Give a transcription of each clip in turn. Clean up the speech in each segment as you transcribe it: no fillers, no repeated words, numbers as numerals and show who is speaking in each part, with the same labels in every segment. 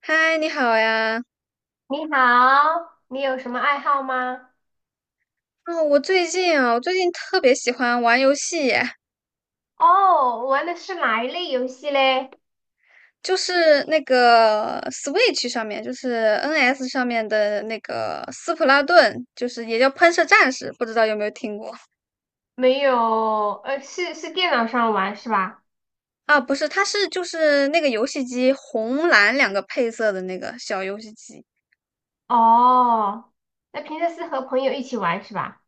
Speaker 1: 嗨，你好呀！
Speaker 2: 你好，你有什么爱好吗？
Speaker 1: 哦，我最近特别喜欢玩游戏耶。
Speaker 2: 哦，玩的是哪一类游戏嘞？
Speaker 1: 就是那个 Switch 上面，就是 NS 上面的那个《斯普拉顿》，就是也叫《喷射战士》，不知道有没有听过。
Speaker 2: 没有，是电脑上玩是吧？
Speaker 1: 啊？不是，它是就是那个游戏机红蓝两个配色的那个小游戏机。
Speaker 2: 哦，那平时是和朋友一起玩是吧？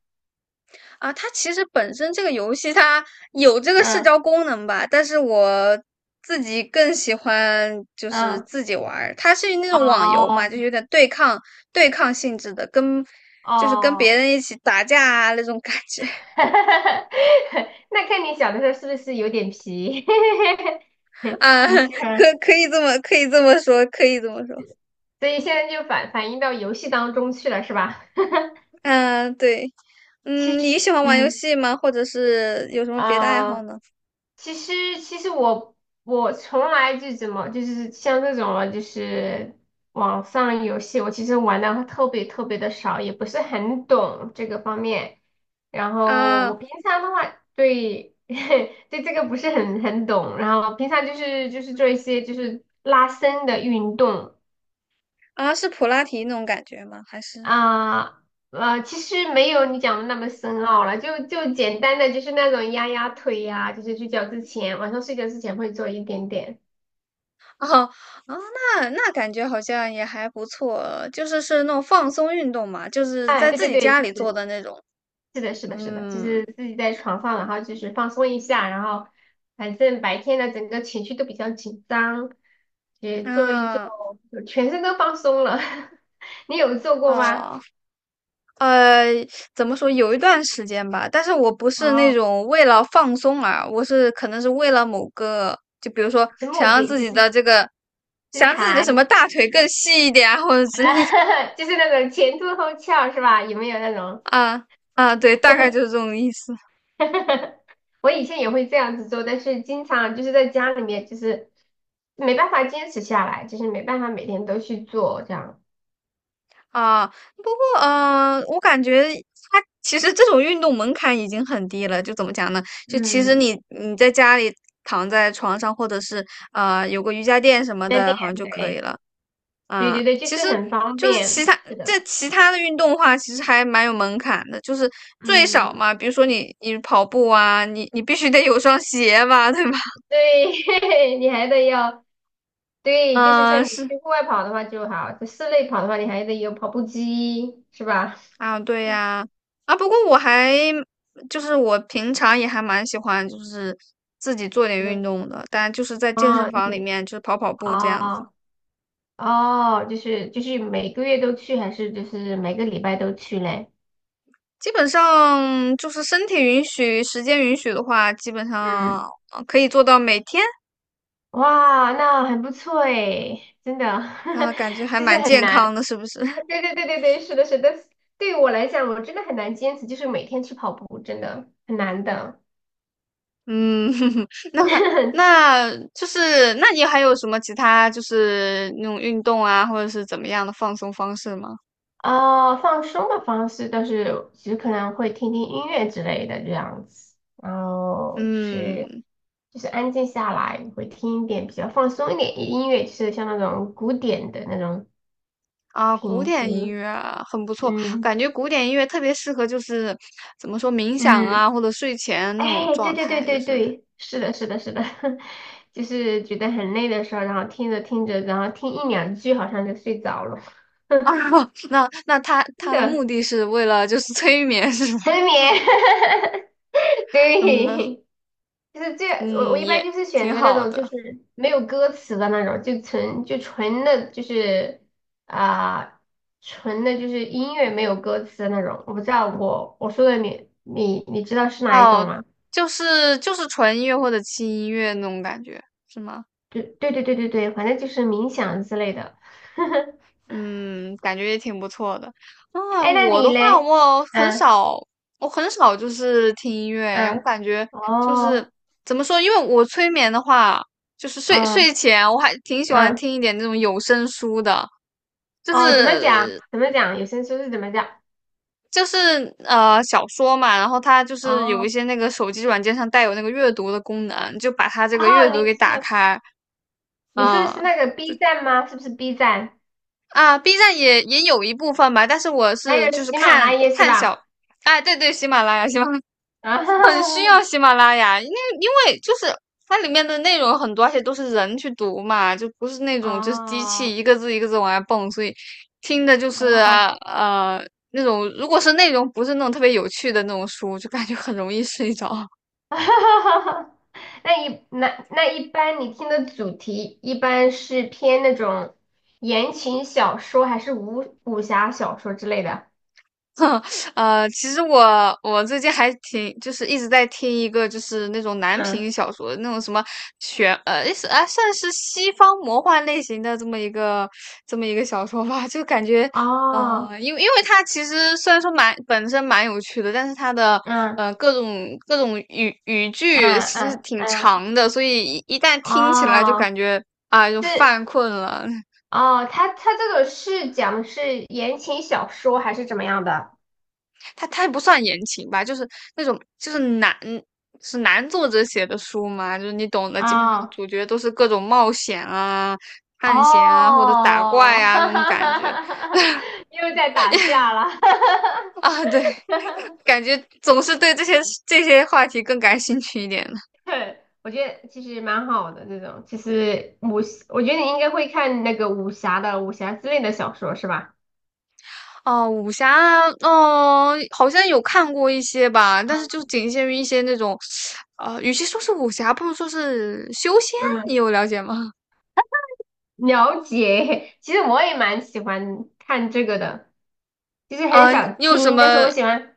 Speaker 1: 啊，它其实本身这个游戏它有这个社
Speaker 2: 嗯
Speaker 1: 交功能吧，但是我自己更喜欢就是
Speaker 2: 嗯，
Speaker 1: 自己玩儿。它是那种网游
Speaker 2: 哦
Speaker 1: 嘛，就有点对抗性质的，跟就是跟别
Speaker 2: 哦，
Speaker 1: 人一起打架啊那种感觉。
Speaker 2: 那看你小的时候是不是有点皮？
Speaker 1: 啊，
Speaker 2: 你喜
Speaker 1: 可
Speaker 2: 欢，
Speaker 1: 可以这么可以这么说，可以这么说。
Speaker 2: 所以现在就反映到游戏当中去了是吧？
Speaker 1: 嗯、对。
Speaker 2: 其
Speaker 1: 嗯，你喜
Speaker 2: 实，
Speaker 1: 欢玩游
Speaker 2: 嗯，
Speaker 1: 戏吗？或者是有什么别的爱好
Speaker 2: 啊。
Speaker 1: 呢？
Speaker 2: 其实，其实我我从来就怎么就是像这种了，就是网上游戏，我其实玩的特别特别的少，也不是很懂这个方面。然后我
Speaker 1: 啊。
Speaker 2: 平常的话，对 对这个不是很懂。然后平常就是做一些就是拉伸的运动
Speaker 1: 啊，是普拉提那种感觉吗？还是？
Speaker 2: 啊。其实没有你讲的那么深奥了，就简单的就是那种压压腿呀、就是睡觉之前，晚上睡觉之前会做一点点。
Speaker 1: 哦，哦，那感觉好像也还不错，就是那种放松运动嘛，就是
Speaker 2: 哎，
Speaker 1: 在
Speaker 2: 对
Speaker 1: 自
Speaker 2: 对
Speaker 1: 己
Speaker 2: 对，
Speaker 1: 家
Speaker 2: 就
Speaker 1: 里做
Speaker 2: 是
Speaker 1: 的那种。
Speaker 2: 是的，是的，是的，就
Speaker 1: 嗯。
Speaker 2: 是自己在床上，然后就是放松一下，然后反正白天的整个情绪都比较紧张，也做一做，
Speaker 1: 啊。
Speaker 2: 就全身都放松了。你有做过吗？
Speaker 1: 哦。呃，怎么说？有一段时间吧，但是我不是那
Speaker 2: 哦，
Speaker 1: 种为了放松啊，我是可能是为了某个，就比如说
Speaker 2: 是目的就是
Speaker 1: 想
Speaker 2: 身
Speaker 1: 让自己的
Speaker 2: 材，
Speaker 1: 什么大腿更细一点啊，或者之类的。
Speaker 2: 就是那种前凸后翘是吧？有没有那种？
Speaker 1: 啊。啊，对，大概就是这种意思。
Speaker 2: 我以前也会这样子做，但是经常就是在家里面，就是没办法坚持下来，就是没办法每天都去做这样。
Speaker 1: 啊，不过，我感觉它其实这种运动门槛已经很低了。就怎么讲呢？就其实
Speaker 2: 嗯。
Speaker 1: 你在家里躺在床上，或者是啊有个瑜伽垫什么
Speaker 2: 在
Speaker 1: 的，
Speaker 2: 店，
Speaker 1: 好像就可以
Speaker 2: 对，
Speaker 1: 了。
Speaker 2: 对
Speaker 1: 啊、
Speaker 2: 对对，就
Speaker 1: 其
Speaker 2: 是
Speaker 1: 实
Speaker 2: 很方
Speaker 1: 就是其
Speaker 2: 便，
Speaker 1: 他
Speaker 2: 是的，
Speaker 1: 这其他的运动的话，其实还蛮有门槛的。就是最少
Speaker 2: 嗯，
Speaker 1: 嘛，比如说你跑步啊，你必须得有双鞋吧，对吧？
Speaker 2: 对，你还得要，对，就是像
Speaker 1: 嗯、
Speaker 2: 你
Speaker 1: 是。
Speaker 2: 去户外跑的话就好，在室内跑的话，你还得有跑步机，是吧？
Speaker 1: 啊，对呀。啊，不过就是我平常也还蛮喜欢，就是自己做点
Speaker 2: 就
Speaker 1: 运
Speaker 2: 是
Speaker 1: 动的，但就是在健身
Speaker 2: 哦，
Speaker 1: 房里
Speaker 2: 你
Speaker 1: 面就是跑跑步这样子。
Speaker 2: 哦哦，就是每个月都去，还是就是每个礼拜都去嘞？
Speaker 1: 基本上就是身体允许、时间允许的话，基本上
Speaker 2: 嗯，
Speaker 1: 可以做到每天。
Speaker 2: 哇，那很不错诶，真的，
Speaker 1: 啊，感觉还
Speaker 2: 就是
Speaker 1: 蛮
Speaker 2: 很
Speaker 1: 健
Speaker 2: 难。
Speaker 1: 康的，是不是？
Speaker 2: 对对对对对，是的，是的。对于我来讲，我真的很难坚持，就是每天去跑步，真的很难的。
Speaker 1: 嗯。那 你还有什么其他就是那种运动啊，或者是怎么样的放松方式吗？
Speaker 2: 啊放松的方式倒是，其实可能会听听音乐之类的这样子，然后就是
Speaker 1: 嗯。
Speaker 2: 就是安静下来，会听一点比较放松一点的音乐，就是像那种古典的那种
Speaker 1: 啊，古
Speaker 2: 听一
Speaker 1: 典音
Speaker 2: 听。
Speaker 1: 乐啊很不错，
Speaker 2: 嗯
Speaker 1: 感觉古典音乐特别适合，就是怎么说冥想
Speaker 2: 嗯。
Speaker 1: 啊，或者睡前那种
Speaker 2: 哎，对
Speaker 1: 状
Speaker 2: 对对
Speaker 1: 态，就
Speaker 2: 对
Speaker 1: 是
Speaker 2: 对，是的，是的，是的，就是觉得很累的时候，然后听着听着，然后听一两句，好像就睡着了，
Speaker 1: 啊，那那他
Speaker 2: 真
Speaker 1: 他的目
Speaker 2: 的
Speaker 1: 的是为了就是 催眠是吧？
Speaker 2: 沉眠。
Speaker 1: 嗯
Speaker 2: 对，就是这，我
Speaker 1: 嗯，
Speaker 2: 一般
Speaker 1: 也
Speaker 2: 就是选
Speaker 1: 挺
Speaker 2: 择那
Speaker 1: 好
Speaker 2: 种就
Speaker 1: 的。
Speaker 2: 是没有歌词的那种，就纯的，就是啊、纯的就是音乐没有歌词的那种。我不知道我说的你知道是哪一种
Speaker 1: 哦，
Speaker 2: 吗？
Speaker 1: 就是纯音乐或者轻音乐那种感觉是吗？
Speaker 2: 对对对对对对，反正就是冥想之类的。
Speaker 1: 嗯，感觉也挺不错的。啊，
Speaker 2: 哎，那
Speaker 1: 我
Speaker 2: 你
Speaker 1: 的话，
Speaker 2: 嘞？嗯
Speaker 1: 我很少就是听音乐，我
Speaker 2: 嗯，
Speaker 1: 感觉就是
Speaker 2: 哦，
Speaker 1: 怎么说，因为我催眠的话，就是睡
Speaker 2: 嗯
Speaker 1: 睡前我还挺喜欢
Speaker 2: 嗯，
Speaker 1: 听一点那种有声书的，就
Speaker 2: 哦，怎么讲？
Speaker 1: 是
Speaker 2: 怎么讲？有声书是怎么讲？
Speaker 1: 就是小说嘛，然后它就是有一
Speaker 2: 哦
Speaker 1: 些那个手机软件上带有那个阅读的功能，就把它这
Speaker 2: 哦，
Speaker 1: 个阅
Speaker 2: 你
Speaker 1: 读给
Speaker 2: 是
Speaker 1: 打开。
Speaker 2: 你说的是
Speaker 1: 嗯。
Speaker 2: 那个 B 站吗？是不是 B 站？
Speaker 1: 啊，B 站也有一部分吧，但是我
Speaker 2: 还
Speaker 1: 是
Speaker 2: 有
Speaker 1: 就是
Speaker 2: 喜马
Speaker 1: 看
Speaker 2: 拉雅是
Speaker 1: 看小，
Speaker 2: 吧？
Speaker 1: 哎，对对，喜马拉雅，喜马拉雅。
Speaker 2: 啊，
Speaker 1: 很需 要喜马拉雅，因为就是它里面的内容很多，而且都是人去读嘛，就不是那种就是机器
Speaker 2: 哦
Speaker 1: 一个字一个字往外蹦，所以听的就是
Speaker 2: 哦，
Speaker 1: 那种如果是内容不是那种特别有趣的那种书，就感觉很容易睡着。
Speaker 2: 那一那那一般你听的主题一般是偏那种言情小说，还是武侠小说之类的？
Speaker 1: 其实我最近还挺，就是一直在听一个就是那种男
Speaker 2: 嗯，
Speaker 1: 频小说，那种什么是啊，算是西方魔幻类型的这么一个小说吧，就感觉。
Speaker 2: 哦，
Speaker 1: 因为它其实虽然说蛮本身蛮有趣的，但是它的
Speaker 2: 嗯
Speaker 1: 各种语语
Speaker 2: 嗯
Speaker 1: 句其实
Speaker 2: 嗯
Speaker 1: 挺
Speaker 2: 嗯。
Speaker 1: 长的，所以一旦听起来就
Speaker 2: 哦，
Speaker 1: 感觉啊、就
Speaker 2: 是
Speaker 1: 犯困了。
Speaker 2: 哦，他这个是讲的是言情小说还是怎么样的？
Speaker 1: 它也不算言情吧，就是那种就是男作者写的书嘛，就是你懂的，基本上
Speaker 2: 啊、
Speaker 1: 主角都是各种冒险啊、探险啊或者打怪
Speaker 2: 哦，
Speaker 1: 啊这
Speaker 2: 哈
Speaker 1: 种
Speaker 2: 哈
Speaker 1: 感
Speaker 2: 哈
Speaker 1: 觉。
Speaker 2: 哈哈，又在打架了，
Speaker 1: 啊，对，感觉总是对这些话题更感兴趣一点的。
Speaker 2: 对，我觉得其实蛮好的这种，其实武，我觉得你应该会看那个武侠之类的小说是吧？
Speaker 1: 哦，武侠，哦，好像有看过一些吧，但是
Speaker 2: 嗯，
Speaker 1: 就仅限于一些那种，与其说是武侠，不如说是修仙，你
Speaker 2: 嗯，
Speaker 1: 有了解吗？
Speaker 2: 了解。其实我也蛮喜欢看这个的，其实很
Speaker 1: 啊、你
Speaker 2: 少
Speaker 1: 有什
Speaker 2: 听，
Speaker 1: 么。
Speaker 2: 但是我喜欢。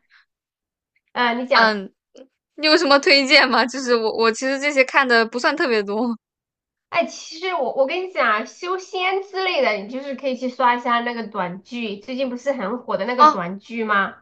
Speaker 2: 你讲。
Speaker 1: 嗯你有什么推荐吗？就是我其实这些看的不算特别多。
Speaker 2: 哎，其实我跟你讲啊，修仙之类的，你就是可以去刷一下那个短剧，最近不是很火的那个
Speaker 1: 哦。
Speaker 2: 短剧吗？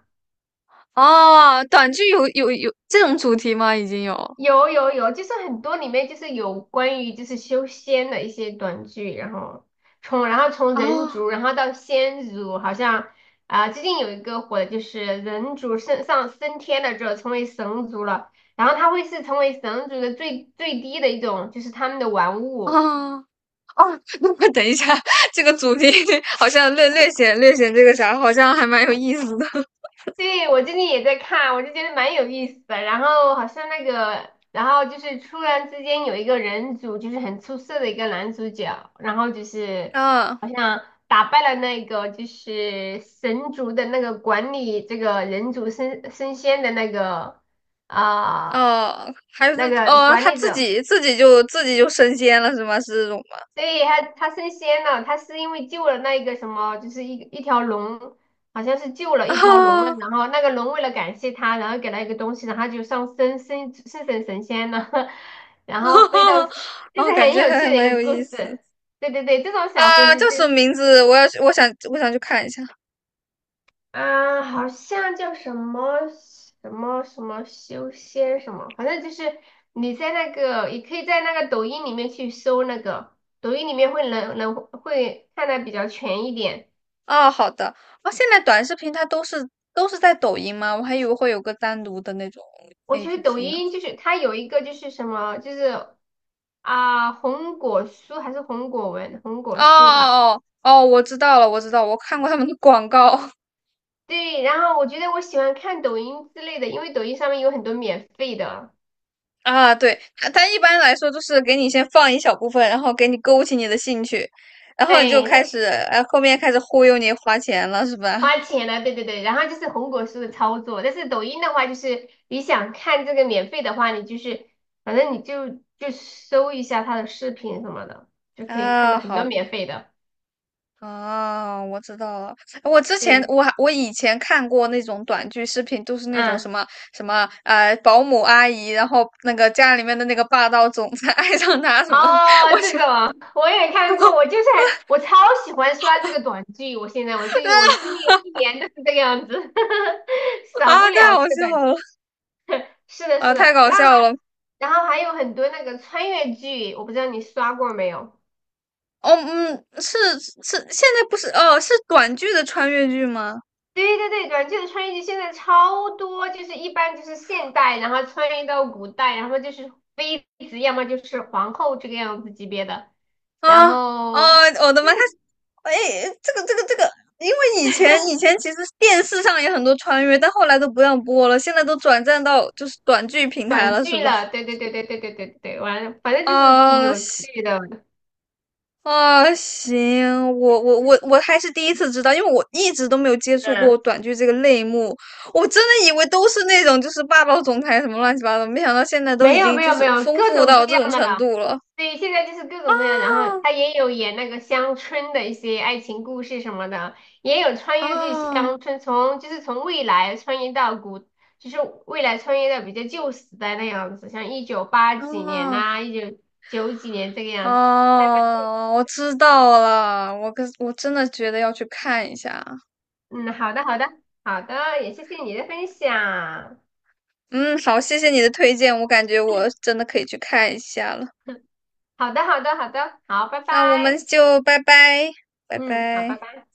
Speaker 1: 哦，短剧有这种主题吗？已经有。
Speaker 2: 有有有，就是很多里面就是有关于就是修仙的一些短剧，然后从人族，
Speaker 1: 哦
Speaker 2: 然后到仙族，好像最近有一个火的就是人族升天了之后成为神族了，然后他会是成为神族的最低的一种，就是他们的玩物。
Speaker 1: 哦哦。那么等一下，这个主题 好像略显这个啥，好像还蛮有意思的。
Speaker 2: 对，我最近也在看，我就觉得蛮有意思的。然后好像那个，然后就是突然之间有一个人族，就是很出色的一个男主角，然后就是
Speaker 1: 啊
Speaker 2: 好像打败了那个就是神族的那个管理这个人族升仙的啊、
Speaker 1: 哦，还是
Speaker 2: 那个
Speaker 1: 哦，
Speaker 2: 管
Speaker 1: 他
Speaker 2: 理
Speaker 1: 自
Speaker 2: 者。
Speaker 1: 己自己就自己就升仙了是吗？是这种吗？
Speaker 2: 对，他升仙了，他是因为救了那一个什么，就是一条龙，好像是救 了
Speaker 1: 啊、
Speaker 2: 一条龙嘛，
Speaker 1: 哦。
Speaker 2: 然后那个龙为了感谢他，然后给他一个东西，然后他就上升成神仙了，然后飞到，这
Speaker 1: 哦，
Speaker 2: 是
Speaker 1: 感
Speaker 2: 很
Speaker 1: 觉
Speaker 2: 有
Speaker 1: 还
Speaker 2: 趣的一
Speaker 1: 蛮
Speaker 2: 个
Speaker 1: 有
Speaker 2: 故
Speaker 1: 意
Speaker 2: 事。
Speaker 1: 思。
Speaker 2: 对对对，这种小说
Speaker 1: 啊、
Speaker 2: 就
Speaker 1: 叫
Speaker 2: 就
Speaker 1: 什么名字？我要去，我想去看一下。
Speaker 2: 啊，好像叫什么什么什么修仙什么，反正就是你在那个，也可以在那个抖音里面去搜那个，抖音里面能看的比较全一点。
Speaker 1: 哦，好的。哦，现在短视频它都是在抖音吗？我还以为会有个单独的那种
Speaker 2: 我觉得抖
Speaker 1: APP 呢。
Speaker 2: 音就是它有一个就是什么，就是啊红果书还是红果文，红果
Speaker 1: 哦
Speaker 2: 书吧。
Speaker 1: 哦哦，哦我知道了，我知道，我看过他们的广告。
Speaker 2: 对，然后我觉得我喜欢看抖音之类的，因为抖音上面有很多免费的。
Speaker 1: 啊。对，它一般来说就是给你先放一小部分，然后给你勾起你的兴趣，然后你就开
Speaker 2: 哎，
Speaker 1: 始，哎，后面开始忽悠你花钱了，是吧？
Speaker 2: 花钱了，对对对，然后就是红果树的操作，但是抖音的话，就是你想看这个免费的话，你就是反正你就搜一下他的视频什么的，就可以看到
Speaker 1: 啊，
Speaker 2: 很多
Speaker 1: 好。
Speaker 2: 免费的。
Speaker 1: 啊，我知道了。我之前
Speaker 2: 对，
Speaker 1: 我还我以前看过那种短剧视频，都是那种
Speaker 2: 嗯，
Speaker 1: 什么保姆阿姨，然后那个家里面的那个霸道总裁 爱上她什么，
Speaker 2: 哦，
Speaker 1: 我
Speaker 2: 这
Speaker 1: 想。
Speaker 2: 种我也看过，我就是 我超喜欢刷这个短剧，我现在我最近我今年一年都是这个样子，少不
Speaker 1: 啊，太
Speaker 2: 了这
Speaker 1: 好
Speaker 2: 个
Speaker 1: 笑
Speaker 2: 短剧。
Speaker 1: 了。
Speaker 2: 是的，
Speaker 1: 啊，
Speaker 2: 是的，
Speaker 1: 太搞
Speaker 2: 然后还
Speaker 1: 笑了。
Speaker 2: 然后还有很多那个穿越剧，我不知道你刷过没有。
Speaker 1: 哦，嗯，是是，现在不是哦，是短剧的穿越剧吗？
Speaker 2: 对对对，短剧的穿越剧现在超多，就是一般就是现代，然后穿越到古代，然后就是妃子，要么就是皇后这个样子级别的，然
Speaker 1: 啊哦，
Speaker 2: 后
Speaker 1: 我的
Speaker 2: 就
Speaker 1: 妈！他，
Speaker 2: 是
Speaker 1: 哎，这个,因为以前其实电视上也很多穿越，但后来都不让播了，现在都转战到就是短剧平台
Speaker 2: 短
Speaker 1: 了，是
Speaker 2: 剧
Speaker 1: 吧？
Speaker 2: 了，对对对对对对对对，完了，反正就是挺
Speaker 1: 啊，
Speaker 2: 有
Speaker 1: 行。
Speaker 2: 趣的，
Speaker 1: 啊，行，我还是第一次知道，因为我一直都没有接触过
Speaker 2: 嗯，
Speaker 1: 短剧这个类目，我真的以为都是那种就是霸道总裁什么乱七八糟，没想到现在都
Speaker 2: 没
Speaker 1: 已
Speaker 2: 有
Speaker 1: 经
Speaker 2: 没
Speaker 1: 就
Speaker 2: 有
Speaker 1: 是
Speaker 2: 没有，
Speaker 1: 丰
Speaker 2: 各
Speaker 1: 富
Speaker 2: 种
Speaker 1: 到
Speaker 2: 各
Speaker 1: 这
Speaker 2: 样
Speaker 1: 种
Speaker 2: 的
Speaker 1: 程
Speaker 2: 了，
Speaker 1: 度了。
Speaker 2: 对，现在就是各种各样，然后
Speaker 1: 啊
Speaker 2: 他也有演那个乡村的一些爱情故事什么的，也有穿越剧
Speaker 1: 啊
Speaker 2: 乡村，从就是从未来穿越到古，就是未来穿越到比较旧时代那样子，像一九八几年
Speaker 1: 啊！
Speaker 2: 呐、一九九几年这个样子。太棒了
Speaker 1: 哦，我知道了，我真的觉得要去看一下。
Speaker 2: 嗯，好的，好的，好的，也谢谢你的分享。
Speaker 1: 嗯，好，谢谢你的推荐，我感觉我真的可以去看一下了。
Speaker 2: 好的，好的，好的，好，拜
Speaker 1: 那我们
Speaker 2: 拜。
Speaker 1: 就拜拜，拜
Speaker 2: 嗯，好，拜
Speaker 1: 拜。
Speaker 2: 拜。